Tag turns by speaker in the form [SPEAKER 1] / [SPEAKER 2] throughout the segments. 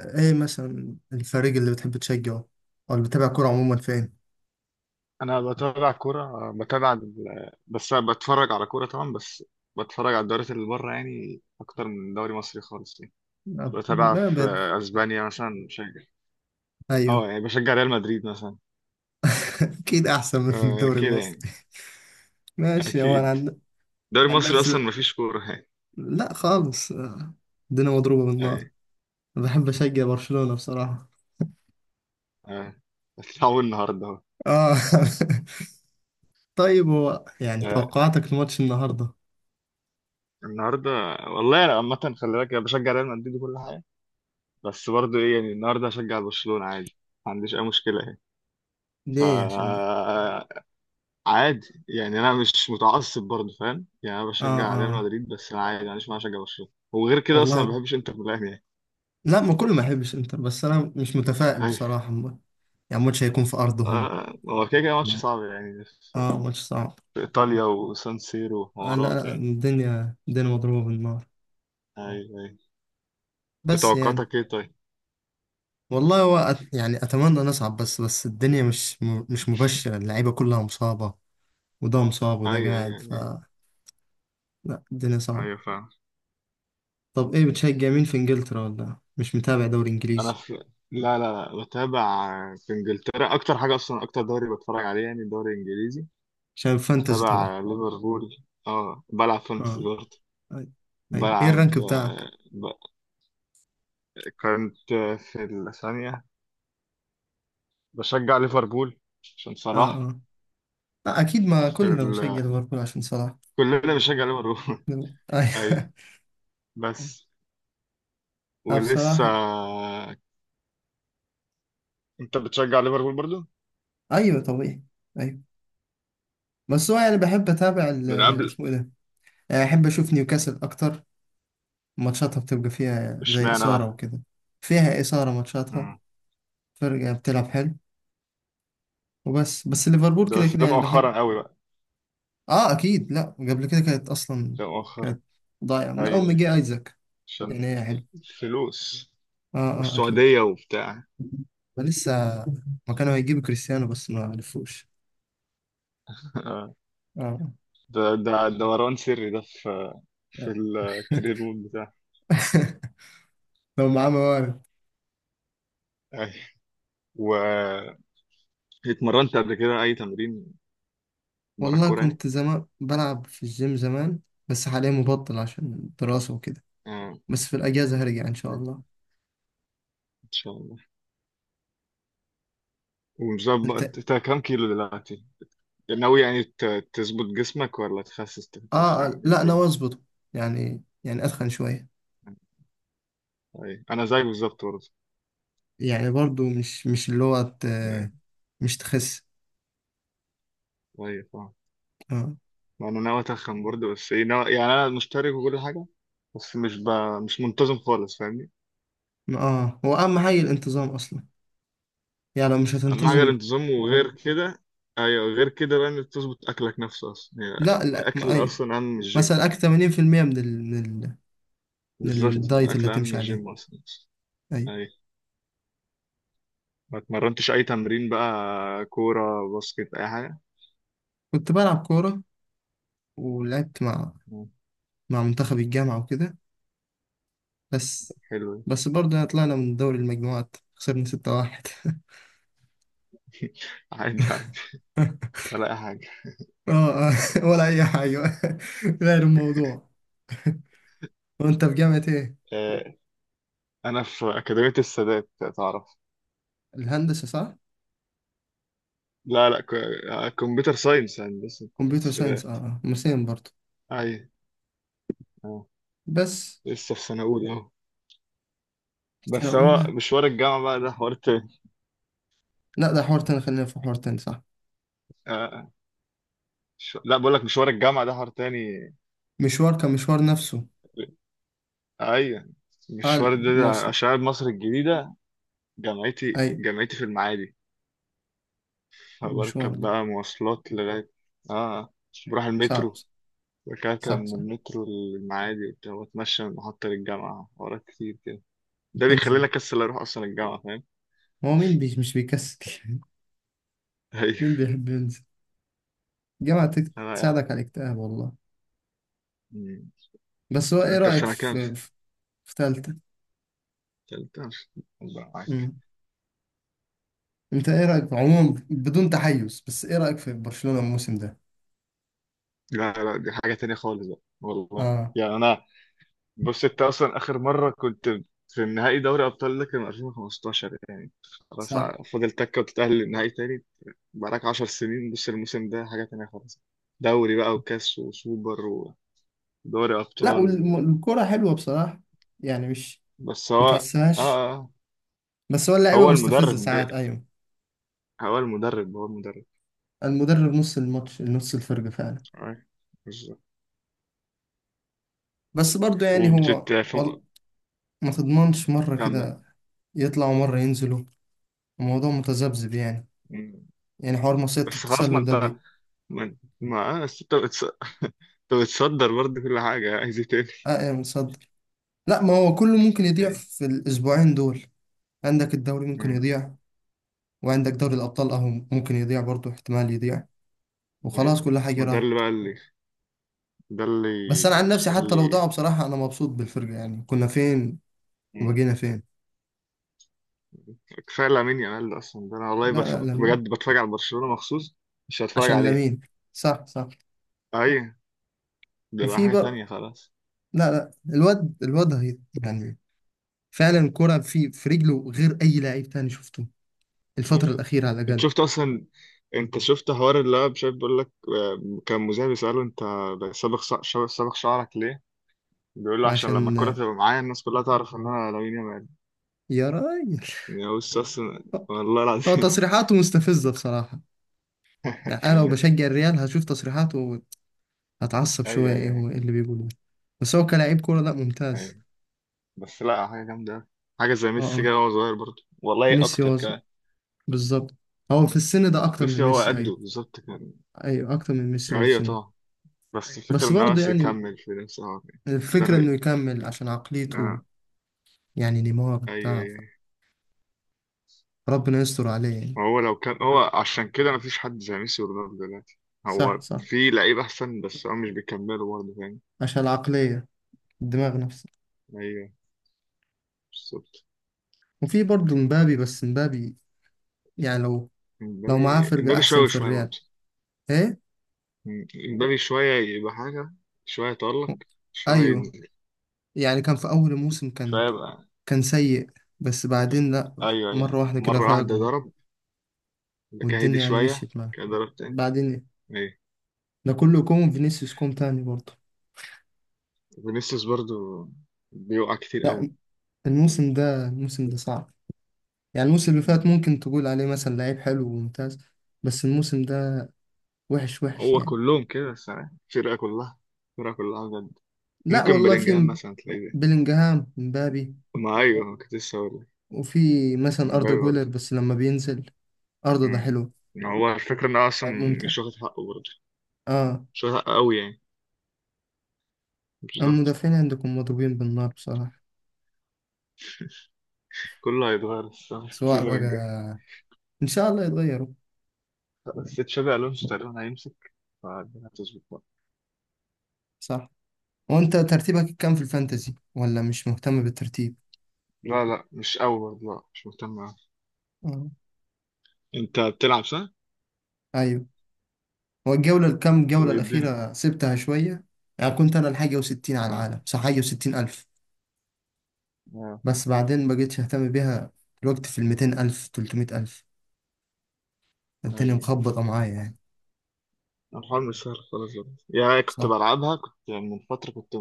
[SPEAKER 1] ايه مثلا الفريق اللي بتحب تشجعه او اللي بتابع كورة عموما فين؟
[SPEAKER 2] انا بتابع كوره بتابع بس أنا بتفرج على كوره طبعا بس بتفرج على الدوريات اللي بره، يعني اكتر من دوري مصري خالص يعني. بتابع
[SPEAKER 1] ما
[SPEAKER 2] في
[SPEAKER 1] بد.
[SPEAKER 2] اسبانيا مثلا، بشجع،
[SPEAKER 1] ايوه.
[SPEAKER 2] اه يعني بشجع ريال مدريد مثلا.
[SPEAKER 1] اكيد احسن من
[SPEAKER 2] آه
[SPEAKER 1] الدوري
[SPEAKER 2] كده يعني.
[SPEAKER 1] المصري. ماشي، هو انا
[SPEAKER 2] اكيد دوري
[SPEAKER 1] عن
[SPEAKER 2] مصري اصلا
[SPEAKER 1] نفسي.
[SPEAKER 2] مفيش كوره يعني.
[SPEAKER 1] لا خالص، الدنيا مضروبة بالنار.
[SPEAKER 2] يعني
[SPEAKER 1] بحب اشجع برشلونة بصراحة.
[SPEAKER 2] آه بس هو النهارده اهو.
[SPEAKER 1] اه. طيب، هو يعني
[SPEAKER 2] آه
[SPEAKER 1] توقعاتك لماتش النهاردة؟
[SPEAKER 2] النهارده، والله انا عامه خلي بالك أنا بشجع ريال مدريد وكل حاجه، بس برضه ايه يعني النهارده هشجع برشلونه عادي، ما عنديش اي مشكله يعني. ف
[SPEAKER 1] ليه؟ عشان
[SPEAKER 2] عادي يعني، انا مش متعصب برضه، فاهم يعني انا
[SPEAKER 1] اه
[SPEAKER 2] بشجع ريال
[SPEAKER 1] اه
[SPEAKER 2] مدريد بس انا عادي، معلش ما اشجع برشلونه، وغير كده اصلا ما
[SPEAKER 1] والله.
[SPEAKER 2] بحبش انتر ميلان يعني.
[SPEAKER 1] لا، ما كله ما يحبش انتر، بس انا مش متفائل
[SPEAKER 2] أيوة.
[SPEAKER 1] بصراحة يعني الماتش هيكون في ارضهم.
[SPEAKER 2] آه، هو كده كده ماتش صعب يعني، في
[SPEAKER 1] اه، ماتش صعب.
[SPEAKER 2] في ايطاليا وسان سيرو
[SPEAKER 1] آه،
[SPEAKER 2] وحوارات
[SPEAKER 1] لا،
[SPEAKER 2] يعني.
[SPEAKER 1] الدنيا مضروبة بالنار.
[SPEAKER 2] ايوه ايوه. انت
[SPEAKER 1] بس يعني،
[SPEAKER 2] توقعاتك ايه طيب؟
[SPEAKER 1] والله هو يعني أتمنى نصعد، بس الدنيا مش مبشرة، اللعيبة كلها مصابة، وده مصاب وده
[SPEAKER 2] ايوه ايوه
[SPEAKER 1] قاعد ف.
[SPEAKER 2] ايوه.
[SPEAKER 1] لا الدنيا
[SPEAKER 2] ايوه
[SPEAKER 1] صعبة.
[SPEAKER 2] فاهم.
[SPEAKER 1] طب إيه، بتشجع مين في إنجلترا، ولا مش متابع دوري
[SPEAKER 2] انا
[SPEAKER 1] إنجليزي؟
[SPEAKER 2] في لا لا لا بتابع في انجلترا، اكتر حاجه اصلا اكتر دوري بتفرج عليه يعني الدوري الانجليزي.
[SPEAKER 1] عشان فانتزي طبعا.
[SPEAKER 2] بتابع ليفربول. اه بلعب فانتسي
[SPEAKER 1] آه.
[SPEAKER 2] برضه.
[SPEAKER 1] أي- أيوه، إيه الرانك
[SPEAKER 2] بلعب
[SPEAKER 1] بتاعك؟
[SPEAKER 2] آه، كنت في الثانية. بشجع ليفربول عشان
[SPEAKER 1] آه
[SPEAKER 2] صلاح.
[SPEAKER 1] آه. لا أكيد، ما
[SPEAKER 2] في
[SPEAKER 1] كلنا بنشجع
[SPEAKER 2] ال...
[SPEAKER 1] ليفربول عشان صلاح.
[SPEAKER 2] كلنا بنشجع ليفربول. أيوة
[SPEAKER 1] أيوه.
[SPEAKER 2] بس
[SPEAKER 1] أنا
[SPEAKER 2] ولسه.
[SPEAKER 1] بصراحة،
[SPEAKER 2] أنت بتشجع ليفربول برضو
[SPEAKER 1] أيوه طبيعي، أيوه. بس هو يعني بحب أتابع
[SPEAKER 2] من قبل؟
[SPEAKER 1] اسمه إيه ده؟ يعني أحب أشوف نيوكاسل أكتر، ماتشاتها بتبقى فيها زي
[SPEAKER 2] اشمعنى
[SPEAKER 1] إثارة
[SPEAKER 2] بقى؟
[SPEAKER 1] وكده. فيها إثارة ماتشاتها،
[SPEAKER 2] مم.
[SPEAKER 1] فرقة بتلعب حلو. وبس، ليفربول
[SPEAKER 2] ده
[SPEAKER 1] كده
[SPEAKER 2] بس
[SPEAKER 1] كده
[SPEAKER 2] ده
[SPEAKER 1] يعني بحب.
[SPEAKER 2] مؤخرا قوي بقى.
[SPEAKER 1] آه أكيد، لأ قبل كده كانت أصلا
[SPEAKER 2] ده مؤخرا.
[SPEAKER 1] كانت ضايعة من أول
[SPEAKER 2] أيوة
[SPEAKER 1] ما
[SPEAKER 2] أيوة
[SPEAKER 1] جه أيزاك. يعني
[SPEAKER 2] عشان
[SPEAKER 1] هي حلو.
[SPEAKER 2] الفلوس
[SPEAKER 1] آه آه أكيد.
[SPEAKER 2] والسعودية وبتاع.
[SPEAKER 1] لسه، ما كانوا هيجيبوا كريستيانو بس ما عرفوش.
[SPEAKER 2] آه.
[SPEAKER 1] آه.
[SPEAKER 2] ده دوران سري ده، في في الكارير مود بتاعي.
[SPEAKER 1] لو معاه موارد.
[SPEAKER 2] أيوة. واتمرنت قبل كده أي تمرين برا
[SPEAKER 1] والله
[SPEAKER 2] الكورة يعني؟
[SPEAKER 1] كنت زمان بلعب في الجيم زمان، بس حاليا مبطل عشان الدراسة وكده.
[SPEAKER 2] آه.
[SPEAKER 1] بس في الأجازة هرجع إن شاء الله.
[SPEAKER 2] شاء الله.
[SPEAKER 1] انت.
[SPEAKER 2] ومظبط، انت كام كيلو دلوقتي؟ ناوي يعني تظبط جسمك ولا تخسس
[SPEAKER 1] اه،
[SPEAKER 2] تتخن
[SPEAKER 1] لا انا
[SPEAKER 2] الدنيا؟
[SPEAKER 1] واظبط، يعني اتخن شويه.
[SPEAKER 2] طيب انا زيك بالظبط برضه
[SPEAKER 1] يعني برضو مش اللي هو
[SPEAKER 2] يعني.
[SPEAKER 1] مش تخس.
[SPEAKER 2] طيب اه
[SPEAKER 1] اه
[SPEAKER 2] ما انا ناوي اتخن برضه، بس ايه ناوي يعني، انا مشترك وكل حاجه بس مش منتظم خالص فاهمني؟
[SPEAKER 1] اه، هو اهم حاجه الانتظام اصلا، يعني لو مش
[SPEAKER 2] اهم حاجه
[SPEAKER 1] هتنتظم.
[SPEAKER 2] الانتظام، وغير كده ايوه غير كده بقى انك تظبط اكلك نفسه، اصلا يعني
[SPEAKER 1] لا لا،
[SPEAKER 2] الاكل
[SPEAKER 1] ايوه،
[SPEAKER 2] اصلا اهم من الجيم.
[SPEAKER 1] مثلا اكل 80% من ال... من
[SPEAKER 2] بالظبط،
[SPEAKER 1] الدايت اللي
[SPEAKER 2] الاكل اهم من
[SPEAKER 1] هتمشي عليه.
[SPEAKER 2] الجيم اصلا.
[SPEAKER 1] ايوه.
[SPEAKER 2] ايوه، ما اتمرنتش اي تمرين بقى، كوره باسكت اي حاجه؟
[SPEAKER 1] كنت بلعب كوره، ولعبت مع منتخب الجامعه وكده. بس،
[SPEAKER 2] حلو.
[SPEAKER 1] برضه يعني طلعنا من دوري المجموعات، خسرنا 6-1.
[SPEAKER 2] عادي عادي، ولا أي حاجة.
[SPEAKER 1] اه. آه، ولا اي حاجه. غير الموضوع، وانت في جامعه ايه؟
[SPEAKER 2] آه، أنا في أكاديمية السادات، تعرف؟
[SPEAKER 1] الهندسة صح؟
[SPEAKER 2] لا لا آه، كمبيوتر ساينس، هندسة
[SPEAKER 1] كمبيوتر ساينس،
[SPEAKER 2] حسابات.
[SPEAKER 1] مسين برضه.
[SPEAKER 2] أيوة. أه.
[SPEAKER 1] بس
[SPEAKER 2] لسه في سنة أولى أهو،
[SPEAKER 1] سنة
[SPEAKER 2] بس هو
[SPEAKER 1] أولى.
[SPEAKER 2] مشوار الجامعة بقى ده حوار تاني.
[SPEAKER 1] لا ده حوار تاني، خلينا في حوار تاني، صح.
[SPEAKER 2] آه. لا بقول لك مشوار الجامعة ده حوار تاني.
[SPEAKER 1] مشوار كمشوار نفسه.
[SPEAKER 2] أيوة
[SPEAKER 1] اه،
[SPEAKER 2] المشوار ده، ده
[SPEAKER 1] مواصلة.
[SPEAKER 2] عشان أنا مصر الجديدة، جامعتي
[SPEAKER 1] أي
[SPEAKER 2] جامعتي في المعادي،
[SPEAKER 1] مشوار،
[SPEAKER 2] فبركب
[SPEAKER 1] لا
[SPEAKER 2] بقى مواصلات لغاية، اه بروح
[SPEAKER 1] صعب.
[SPEAKER 2] المترو، بكعكع
[SPEAKER 1] صح
[SPEAKER 2] من
[SPEAKER 1] صح.
[SPEAKER 2] المترو للمعادي وبتاع، واتمشى من محطة للجامعة ورا كتير كده. ده بيخليني
[SPEAKER 1] تنزل،
[SPEAKER 2] اكسل اروح اصلا الجامعة، فاهم؟
[SPEAKER 1] هو مين بي مش بيكسل.
[SPEAKER 2] ايوه
[SPEAKER 1] مين بيحب ينزل؟ الجامعة
[SPEAKER 2] انا رايحة.
[SPEAKER 1] تساعدك على الاكتئاب والله.
[SPEAKER 2] أمم.
[SPEAKER 1] بس هو ايه
[SPEAKER 2] انت في
[SPEAKER 1] رأيك
[SPEAKER 2] سنة كام سنة؟
[SPEAKER 1] في تالتة؟
[SPEAKER 2] تالتة. الله معاك.
[SPEAKER 1] مم. انت ايه رأيك عموما، بدون تحيز، بس ايه رأيك في برشلونة الموسم ده؟
[SPEAKER 2] لا لا دي حاجة تانية خالص بقى، والله
[SPEAKER 1] اه
[SPEAKER 2] يعني انا بص انت اصلا اخر مرة كنت في النهائي دوري ابطال، ده كان 2015 يعني، خلاص
[SPEAKER 1] صح.
[SPEAKER 2] فاضل تكة وتتأهل للنهائي تاني. بقالك 10 سنين. بص الموسم ده حاجة تانية خالص، دوري بقى وكاس وسوبر ودوري
[SPEAKER 1] لا
[SPEAKER 2] ابطال.
[SPEAKER 1] والكرة حلوة بصراحة، يعني مش
[SPEAKER 2] بس هو اه
[SPEAKER 1] متحسهاش.
[SPEAKER 2] آه، آه.
[SPEAKER 1] بس هو اللعيبة
[SPEAKER 2] هو
[SPEAKER 1] مستفزة
[SPEAKER 2] المدرب ده،
[SPEAKER 1] ساعات، أيوة.
[SPEAKER 2] هو المدرب،
[SPEAKER 1] المدرب نص الماتش، نص الفرق فعلا.
[SPEAKER 2] آه، بالظبط.
[SPEAKER 1] بس برضو يعني
[SPEAKER 2] وبتت
[SPEAKER 1] هو ما تضمنش مرة
[SPEAKER 2] كمل.
[SPEAKER 1] كده، يطلعوا مرة ينزلوا، الموضوع متذبذب يعني.
[SPEAKER 2] مم.
[SPEAKER 1] يعني حوار مصيدة
[SPEAKER 2] بس خلاص ما
[SPEAKER 1] التسلل ده
[SPEAKER 2] انت ما آه، بس انت بتصدر برضه كل حاجة، عايز ايه تاني؟
[SPEAKER 1] آه متصدر. لا، ما هو كله ممكن يضيع
[SPEAKER 2] ايه
[SPEAKER 1] في الأسبوعين دول، عندك الدوري ممكن
[SPEAKER 2] مم،
[SPEAKER 1] يضيع، وعندك دوري الأبطال أهو ممكن يضيع، برضو احتمال يضيع وخلاص
[SPEAKER 2] ايه.
[SPEAKER 1] كل حاجة
[SPEAKER 2] ما ده
[SPEAKER 1] راح.
[SPEAKER 2] اللي بقى اللي، ده اللي
[SPEAKER 1] بس أنا عن نفسي، حتى
[SPEAKER 2] يخلي.
[SPEAKER 1] لو ضاعوا بصراحة أنا مبسوط بالفرقة، يعني كنا فين
[SPEAKER 2] مم.
[SPEAKER 1] وبقينا فين.
[SPEAKER 2] كفاية لامين يامال ده اصلا، ده انا والله
[SPEAKER 1] لا لا، لمين.
[SPEAKER 2] بجد بتفرج على برشلونة مخصوص، مش هتفرج
[SPEAKER 1] عشان
[SPEAKER 2] عليه؟
[SPEAKER 1] لامين. صح صح.
[SPEAKER 2] ايوه، ده بقى
[SPEAKER 1] وفي
[SPEAKER 2] حاجة
[SPEAKER 1] بقى.
[SPEAKER 2] تانية خلاص.
[SPEAKER 1] لا لا، الواد يعني فعلا كرة في رجله غير اي لعيب تاني شفته الفترة
[SPEAKER 2] ايوه.
[SPEAKER 1] الأخيرة على
[SPEAKER 2] انت
[SPEAKER 1] الأقل.
[SPEAKER 2] شفت اصلا، انت شفت حوار اللي هو مش عارف، بيقول لك آه، كان مذيع بيسأله انت صابغ صابغ شعرك ليه؟ بيقول له عشان لما
[SPEAKER 1] عشان،
[SPEAKER 2] الكرة تبقى معايا الناس كلها تعرف ان انا لامين يامال.
[SPEAKER 1] يا راجل،
[SPEAKER 2] يا بص اصلا والله
[SPEAKER 1] هو
[SPEAKER 2] العظيم.
[SPEAKER 1] تصريحاته مستفزة بصراحة. يعني أنا لو بشجع الريال، هشوف تصريحاته هتعصب شوية،
[SPEAKER 2] ايوه
[SPEAKER 1] إيه
[SPEAKER 2] ايوه ايوه.
[SPEAKER 1] هو إيه اللي بيقوله ده. بس هو كلاعب كورة لا، ممتاز.
[SPEAKER 2] ايوه بس لا حاجة جامدة أوي. حاجة زي
[SPEAKER 1] اه
[SPEAKER 2] ميسي كده
[SPEAKER 1] اه.
[SPEAKER 2] وهو صغير، برضه والله
[SPEAKER 1] ميسي
[SPEAKER 2] اكتر
[SPEAKER 1] هو
[SPEAKER 2] كمان.
[SPEAKER 1] بالظبط، هو في السن ده أكتر
[SPEAKER 2] ميسي
[SPEAKER 1] من
[SPEAKER 2] هو
[SPEAKER 1] ميسي،
[SPEAKER 2] قده
[SPEAKER 1] أيوه.
[SPEAKER 2] بالظبط كان.
[SPEAKER 1] أيوه أكتر من ميسي هو في
[SPEAKER 2] ايوه
[SPEAKER 1] سنه.
[SPEAKER 2] طبعا. بس الفكرة
[SPEAKER 1] بس
[SPEAKER 2] ان هو
[SPEAKER 1] برضه
[SPEAKER 2] بس
[SPEAKER 1] يعني،
[SPEAKER 2] يكمل في نفسه هو. كده. ده
[SPEAKER 1] الفكرة إنه
[SPEAKER 2] اللي
[SPEAKER 1] يكمل عشان عقليته.
[SPEAKER 2] آه.
[SPEAKER 1] يعني نيمار
[SPEAKER 2] ايوه
[SPEAKER 1] بتاع،
[SPEAKER 2] ايوه.
[SPEAKER 1] ربنا يستر عليه يعني.
[SPEAKER 2] هو لو كان هو، عشان كده مفيش حد زي ميسي ورونالدو دلوقتي، هو
[SPEAKER 1] صح صح،
[SPEAKER 2] في لعيب احسن بس هو مش بيكملوا برضه فاهم.
[SPEAKER 1] عشان العقلية، الدماغ نفسه.
[SPEAKER 2] ايوه بالظبط.
[SPEAKER 1] وفي برضه مبابي، بس مبابي يعني، لو معاه
[SPEAKER 2] امبابي
[SPEAKER 1] فرقة
[SPEAKER 2] امبابي
[SPEAKER 1] أحسن
[SPEAKER 2] شويه
[SPEAKER 1] في
[SPEAKER 2] شويه
[SPEAKER 1] الريال،
[SPEAKER 2] برضه.
[SPEAKER 1] إيه؟
[SPEAKER 2] أمم، امبابي شويه يبقى حاجه، شويه يتألق، شويه
[SPEAKER 1] أيوه،
[SPEAKER 2] ينزل،
[SPEAKER 1] يعني كان في أول الموسم، كان
[SPEAKER 2] شويه يبقى
[SPEAKER 1] كان سيء، بس
[SPEAKER 2] فاهم.
[SPEAKER 1] بعدين لأ،
[SPEAKER 2] ايوه ايوه
[SPEAKER 1] مرة واحدة كده
[SPEAKER 2] مره
[SPEAKER 1] فاق،
[SPEAKER 2] واحده ضرب، كده
[SPEAKER 1] والدنيا
[SPEAKER 2] هدي
[SPEAKER 1] يعني
[SPEAKER 2] شويه
[SPEAKER 1] مشيت معاه
[SPEAKER 2] كده ضرب تاني.
[SPEAKER 1] بعدين.
[SPEAKER 2] ايوه.
[SPEAKER 1] ده كله كوم، فينيسيوس كوم تاني برضه.
[SPEAKER 2] فينيسيوس برضه بيوقع كتير قوي.
[SPEAKER 1] لأ الموسم ده، الموسم ده صعب. يعني الموسم اللي فات
[SPEAKER 2] أمم،
[SPEAKER 1] ممكن تقول عليه مثلا لعيب حلو وممتاز، بس الموسم ده وحش وحش
[SPEAKER 2] هو
[SPEAKER 1] يعني.
[SPEAKER 2] كلهم كده الصراحه، الفرقه كلها، بجد.
[SPEAKER 1] لا
[SPEAKER 2] ممكن
[SPEAKER 1] والله،
[SPEAKER 2] بلينجهام
[SPEAKER 1] في
[SPEAKER 2] مثلا تلاقيه،
[SPEAKER 1] بلينجهام، مبابي،
[SPEAKER 2] ما ايوه كنت لسه هقول لك.
[SPEAKER 1] وفي مثلا أردا
[SPEAKER 2] مبابي
[SPEAKER 1] جولر
[SPEAKER 2] برضه.
[SPEAKER 1] بس لما بينزل، أردا ده
[SPEAKER 2] مم.
[SPEAKER 1] حلو،
[SPEAKER 2] ما هو الفكرة ان هو اصلا
[SPEAKER 1] لعيب ممتع.
[SPEAKER 2] مش واخد حقه برضه،
[SPEAKER 1] اه.
[SPEAKER 2] مش واخد حقه قوي يعني.
[SPEAKER 1] أما
[SPEAKER 2] بالظبط.
[SPEAKER 1] المدافعين عندكم مضروبين بالنار بصراحة.
[SPEAKER 2] كله هيتغير الصراحة في
[SPEAKER 1] سواء
[SPEAKER 2] السيزون
[SPEAKER 1] بقى،
[SPEAKER 2] الجاي،
[SPEAKER 1] إن شاء الله يتغيروا.
[SPEAKER 2] بس تشابي الونسو تقريبا هيمسك، فالدنيا هتظبط بقى.
[SPEAKER 1] صح. وأنت ترتيبك كام في الفانتزي، ولا مش مهتم بالترتيب؟
[SPEAKER 2] لا لا مش قوي برضه، لا مش مهتم أوي.
[SPEAKER 1] آه.
[SPEAKER 2] انت بتلعب صح؟
[SPEAKER 1] أيوه، هو الجولة الكام جولة
[SPEAKER 2] وايه الدنيا؟
[SPEAKER 1] الأخيرة سبتها شوية. يعني كنت أنا الحاجة وستين على
[SPEAKER 2] اه
[SPEAKER 1] العالم، صح، حاجة وستين ألف،
[SPEAKER 2] اه.
[SPEAKER 1] بس بعدين بقيتش أهتم بيها. الوقت في الميتين ألف، تلتمية ألف،
[SPEAKER 2] ايوه
[SPEAKER 1] الدنيا
[SPEAKER 2] أيوة.
[SPEAKER 1] مخبطة معايا يعني.
[SPEAKER 2] الحوار مش سهل خالص برضه. يا كنت
[SPEAKER 1] صح،
[SPEAKER 2] بلعبها كنت يعني من فترة، كنت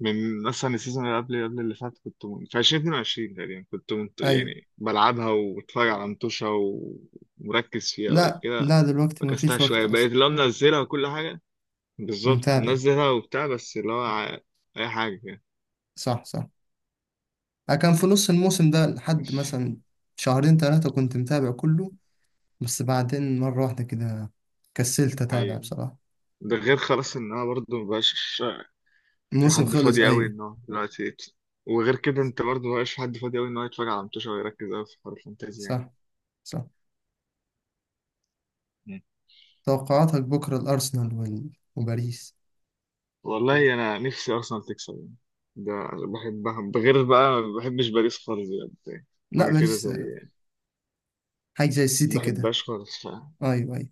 [SPEAKER 2] من مثلا السيزون اللي قبل قبل اللي فات، كنت في 2022 تقريبا،
[SPEAKER 1] ايوه.
[SPEAKER 2] يعني بلعبها وبتفرج على متوشة ومركز فيها بعد
[SPEAKER 1] لا
[SPEAKER 2] كده.
[SPEAKER 1] لا، دلوقتي
[SPEAKER 2] فكستها
[SPEAKER 1] مفيش وقت
[SPEAKER 2] شوية،
[SPEAKER 1] اصلا،
[SPEAKER 2] بقيت اللي هو منزلها وكل حاجة، بالظبط
[SPEAKER 1] متابع.
[SPEAKER 2] منزلها وبتاع بس اللي هو أي حاجة كده.
[SPEAKER 1] صح صح. أنا كان في نص الموسم ده لحد
[SPEAKER 2] بس
[SPEAKER 1] مثلا شهرين ثلاثة كنت متابع كله، بس بعدين مرة واحدة كده كسلت اتابع
[SPEAKER 2] أيوة،
[SPEAKER 1] بصراحة.
[SPEAKER 2] ده غير خلاص إن أنا برضه مبقاش في
[SPEAKER 1] الموسم
[SPEAKER 2] حد
[SPEAKER 1] خلص
[SPEAKER 2] فاضي أوي
[SPEAKER 1] ايوه.
[SPEAKER 2] إن هو دلوقتي وغير كده أنت برضه مبقاش في حد فاضي أوي إن هو يتفرج على متوشة ويركز أوي في حوار الفانتازيا
[SPEAKER 1] صح صح.
[SPEAKER 2] يعني.
[SPEAKER 1] توقعاتك بكرة الارسنال وباريس؟
[SPEAKER 2] والله انا نفسي ارسنال تكسب يعني، ده بحبها بغير بقى، ما بحبش باريس خالص بجد يعني.
[SPEAKER 1] لا
[SPEAKER 2] حاجه كده
[SPEAKER 1] باريس
[SPEAKER 2] زي،
[SPEAKER 1] آه، حاجة زي السيتي
[SPEAKER 2] ما
[SPEAKER 1] كده.
[SPEAKER 2] بحبهاش خالص
[SPEAKER 1] ايوه ايوه،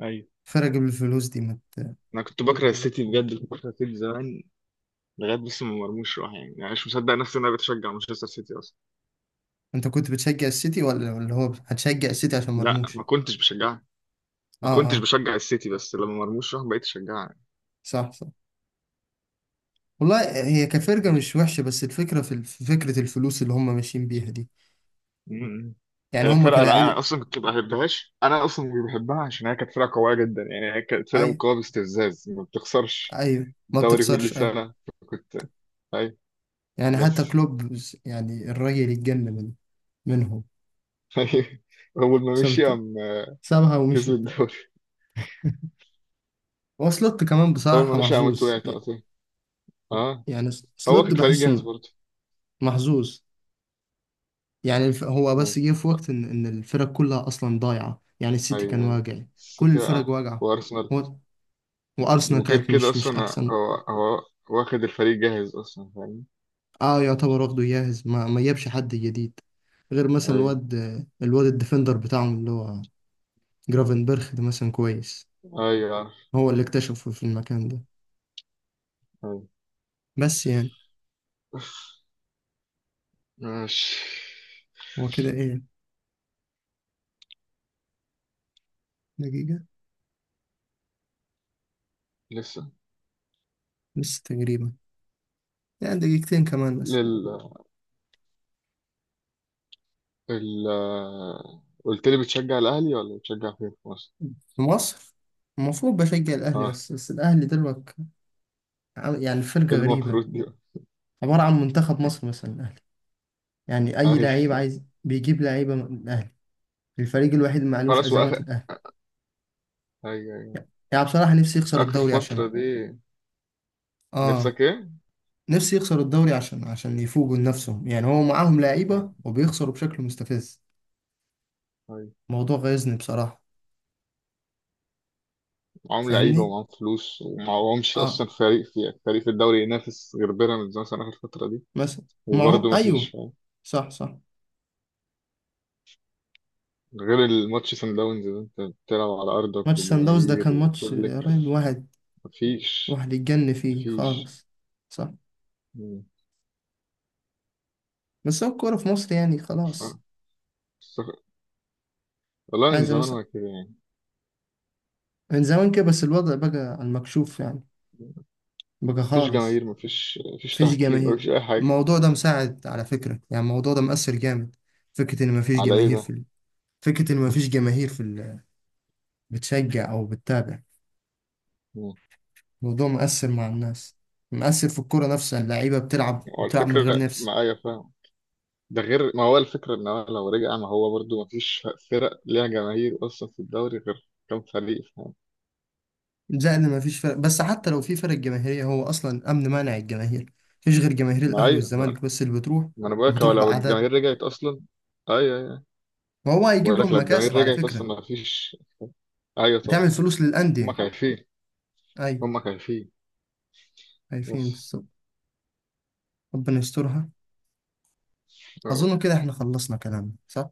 [SPEAKER 2] ايوه.
[SPEAKER 1] فرق بالفلوس دي
[SPEAKER 2] انا كنت بكره السيتي بجد، كنت بكره السيتي زمان لغايه، بس ما مرموش راح يعني، يعني مش مصدق نفسي ان انا بتشجع مانشستر سيتي اصلا.
[SPEAKER 1] انت كنت بتشجع السيتي، ولا هو هتشجع السيتي عشان
[SPEAKER 2] لا ما
[SPEAKER 1] مرموش؟
[SPEAKER 2] كنتش بشجعها،
[SPEAKER 1] اه
[SPEAKER 2] ما كنتش
[SPEAKER 1] اه،
[SPEAKER 2] بشجع السيتي، بس لما مرموش راح بقيت اشجعها يعني.
[SPEAKER 1] صح صح. والله هي كفرقة
[SPEAKER 2] انا كنت...
[SPEAKER 1] مش وحشة، بس الفكرة في فكرة الفلوس اللي هم ماشيين بيها دي.
[SPEAKER 2] م- م.
[SPEAKER 1] يعني
[SPEAKER 2] هي
[SPEAKER 1] هم
[SPEAKER 2] الفرقه، لا
[SPEAKER 1] كلاعب.
[SPEAKER 2] انا اصلا كنت ما بحبهاش، انا اصلا مش بحبها عشان هي كانت فرقه قويه جدا يعني، هي كانت فرقه
[SPEAKER 1] أي،
[SPEAKER 2] مقاومه باستفزاز ما بتخسرش
[SPEAKER 1] أيوة. ما
[SPEAKER 2] دوري كل
[SPEAKER 1] بتخسرش، أيوة.
[SPEAKER 2] سنة. كنت أي
[SPEAKER 1] يعني حتى
[SPEAKER 2] بس
[SPEAKER 1] كلوب، يعني الراجل اتجنن منهم.
[SPEAKER 2] أي. أول ما مشي
[SPEAKER 1] سابت
[SPEAKER 2] قام
[SPEAKER 1] سابها
[SPEAKER 2] كسب
[SPEAKER 1] ومشي.
[SPEAKER 2] الدوري،
[SPEAKER 1] هو سلوت كمان
[SPEAKER 2] أول ما
[SPEAKER 1] بصراحة
[SPEAKER 2] مشي قام
[SPEAKER 1] محظوظ.
[SPEAKER 2] وقعت على طول. أه،
[SPEAKER 1] يعني
[SPEAKER 2] هو كان
[SPEAKER 1] سلوت
[SPEAKER 2] فريق
[SPEAKER 1] بحسه
[SPEAKER 2] جاهز برضه.
[SPEAKER 1] محظوظ. يعني هو
[SPEAKER 2] أه.
[SPEAKER 1] بس جه في وقت إن الفرق كلها أصلا ضايعة، يعني السيتي كان
[SPEAKER 2] أيوه أيوه
[SPEAKER 1] واجع، كل
[SPEAKER 2] السيتي
[SPEAKER 1] الفرق
[SPEAKER 2] بقى
[SPEAKER 1] واجعة.
[SPEAKER 2] وأرسنال.
[SPEAKER 1] هو، وأرسنال
[SPEAKER 2] وغير
[SPEAKER 1] كانت
[SPEAKER 2] كده
[SPEAKER 1] مش
[SPEAKER 2] أصلا
[SPEAKER 1] أحسن.
[SPEAKER 2] هو واخد الفريق جاهز أصلا فاهم.
[SPEAKER 1] اه، يعتبر واخده جاهز، ما جابش حد جديد غير مثلا
[SPEAKER 2] أيوه
[SPEAKER 1] الواد، الديفندر بتاعهم اللي هو جرافنبرخ ده مثلا كويس،
[SPEAKER 2] أيوه عارف.
[SPEAKER 1] هو اللي اكتشفه في المكان ده.
[SPEAKER 2] أيوه
[SPEAKER 1] بس يعني،
[SPEAKER 2] ماشي.
[SPEAKER 1] هو كده ايه، دقيقة
[SPEAKER 2] لسه.
[SPEAKER 1] لسه تقريبا، يعني دقيقتين كمان مثلا.
[SPEAKER 2] لل ال قلت لي بتشجع الأهلي ولا بتشجع فين في مصر؟
[SPEAKER 1] في مصر، المفروض بشجع الأهلي،
[SPEAKER 2] أه.
[SPEAKER 1] بس الأهلي دلوقتي يعني فرقة
[SPEAKER 2] إيه
[SPEAKER 1] غريبة،
[SPEAKER 2] المفروض دي بقى؟
[SPEAKER 1] عبارة عن منتخب مصر مثلا الأهلي. يعني أي
[SPEAKER 2] أيوه
[SPEAKER 1] لعيب عايز بيجيب لعيبة من الأهلي، الفريق الوحيد اللي معلوش
[SPEAKER 2] وخلاص
[SPEAKER 1] أزمات
[SPEAKER 2] وآخر.
[SPEAKER 1] الأهلي.
[SPEAKER 2] ايوه ايوه
[SPEAKER 1] يعني بصراحة نفسي يخسر
[SPEAKER 2] اخر
[SPEAKER 1] الدوري عشان،
[SPEAKER 2] فترة دي.
[SPEAKER 1] اه،
[SPEAKER 2] نفسك ايه؟
[SPEAKER 1] نفسي يخسر الدوري عشان يفوقوا لنفسهم. يعني هو معاهم
[SPEAKER 2] آه،
[SPEAKER 1] لعيبة وبيخسروا بشكل مستفز،
[SPEAKER 2] أيوة.
[SPEAKER 1] موضوع غيظني بصراحة.
[SPEAKER 2] معاهم لعيبة
[SPEAKER 1] فاهمني،
[SPEAKER 2] ومعاهم فلوس، ومعاهمش
[SPEAKER 1] اه،
[SPEAKER 2] اصلا فريق، في فريق في الدوري ينافس غير بيراميدز مثلا اخر فترة دي.
[SPEAKER 1] مثلا معهم،
[SPEAKER 2] وبرضه مفيش
[SPEAKER 1] ايوه.
[SPEAKER 2] فاهم
[SPEAKER 1] صح صح.
[SPEAKER 2] غير الماتش سان داونز ده، انت بتلعب على ارضك
[SPEAKER 1] ماتش سان داونز ده
[SPEAKER 2] وجماهير
[SPEAKER 1] كان ماتش
[SPEAKER 2] وكل
[SPEAKER 1] يا
[SPEAKER 2] الكلام.
[SPEAKER 1] راجل،
[SPEAKER 2] مفيش
[SPEAKER 1] واحد يتجن فيه
[SPEAKER 2] مفيش
[SPEAKER 1] خالص. صح.
[SPEAKER 2] مم.
[SPEAKER 1] بس هو الكورة في مصر يعني
[SPEAKER 2] آه.
[SPEAKER 1] خلاص.
[SPEAKER 2] استغ- والله من
[SPEAKER 1] عايزة
[SPEAKER 2] زمان
[SPEAKER 1] مثلا،
[SPEAKER 2] ما كده يعني.
[SPEAKER 1] من زمان كده، بس الوضع بقى على المكشوف يعني، بقى
[SPEAKER 2] مفيش
[SPEAKER 1] خالص،
[SPEAKER 2] جماهير، مفيش مفيش
[SPEAKER 1] مفيش
[SPEAKER 2] تحكيم،
[SPEAKER 1] جماهير.
[SPEAKER 2] مفيش اي حاجة.
[SPEAKER 1] الموضوع ده مساعد على فكرة، يعني الموضوع ده مؤثر جامد، فكرة إن مفيش
[SPEAKER 2] على ايه
[SPEAKER 1] جماهير في
[SPEAKER 2] ده؟
[SPEAKER 1] ال... فكرة إن مفيش جماهير في ال... بتشجع او بتتابع.
[SPEAKER 2] مم.
[SPEAKER 1] الموضوع مؤثر مع الناس، مؤثر في الكرة نفسها، اللعيبة
[SPEAKER 2] وعلى
[SPEAKER 1] بتلعب من غير
[SPEAKER 2] فكرة
[SPEAKER 1] نفس.
[SPEAKER 2] معايا فاهم، ده غير ما هو الفكرة ان هو لو رجع ما هو برضو ما فيش فرق ليها جماهير اصلا في الدوري غير كام فريق فاهم.
[SPEAKER 1] زائد ان مفيش فرق، بس حتى لو في فرق جماهيرية هو اصلا امن مانع الجماهير. مفيش غير جماهير
[SPEAKER 2] ما
[SPEAKER 1] الاهلي
[SPEAKER 2] ايوه ما
[SPEAKER 1] والزمالك بس اللي بتروح،
[SPEAKER 2] ما انا بقولك هو
[SPEAKER 1] وبتروح
[SPEAKER 2] لو
[SPEAKER 1] باعداد،
[SPEAKER 2] الجماهير رجعت اصلا، ايوه ايوه،
[SPEAKER 1] وهو هيجيب
[SPEAKER 2] بقولك
[SPEAKER 1] لهم
[SPEAKER 2] لو الجماهير
[SPEAKER 1] مكاسب على
[SPEAKER 2] رجعت
[SPEAKER 1] فكرة،
[SPEAKER 2] اصلا ما فيش. ايوه طبعا.
[SPEAKER 1] بتعمل فلوس
[SPEAKER 2] هما
[SPEAKER 1] للاندية.
[SPEAKER 2] خايفين،
[SPEAKER 1] ايوه،
[SPEAKER 2] هما خايفين
[SPEAKER 1] عارفين
[SPEAKER 2] بس
[SPEAKER 1] بالظبط. ربنا يسترها.
[SPEAKER 2] يا رب.
[SPEAKER 1] اظن كده احنا خلصنا كلامنا، صح؟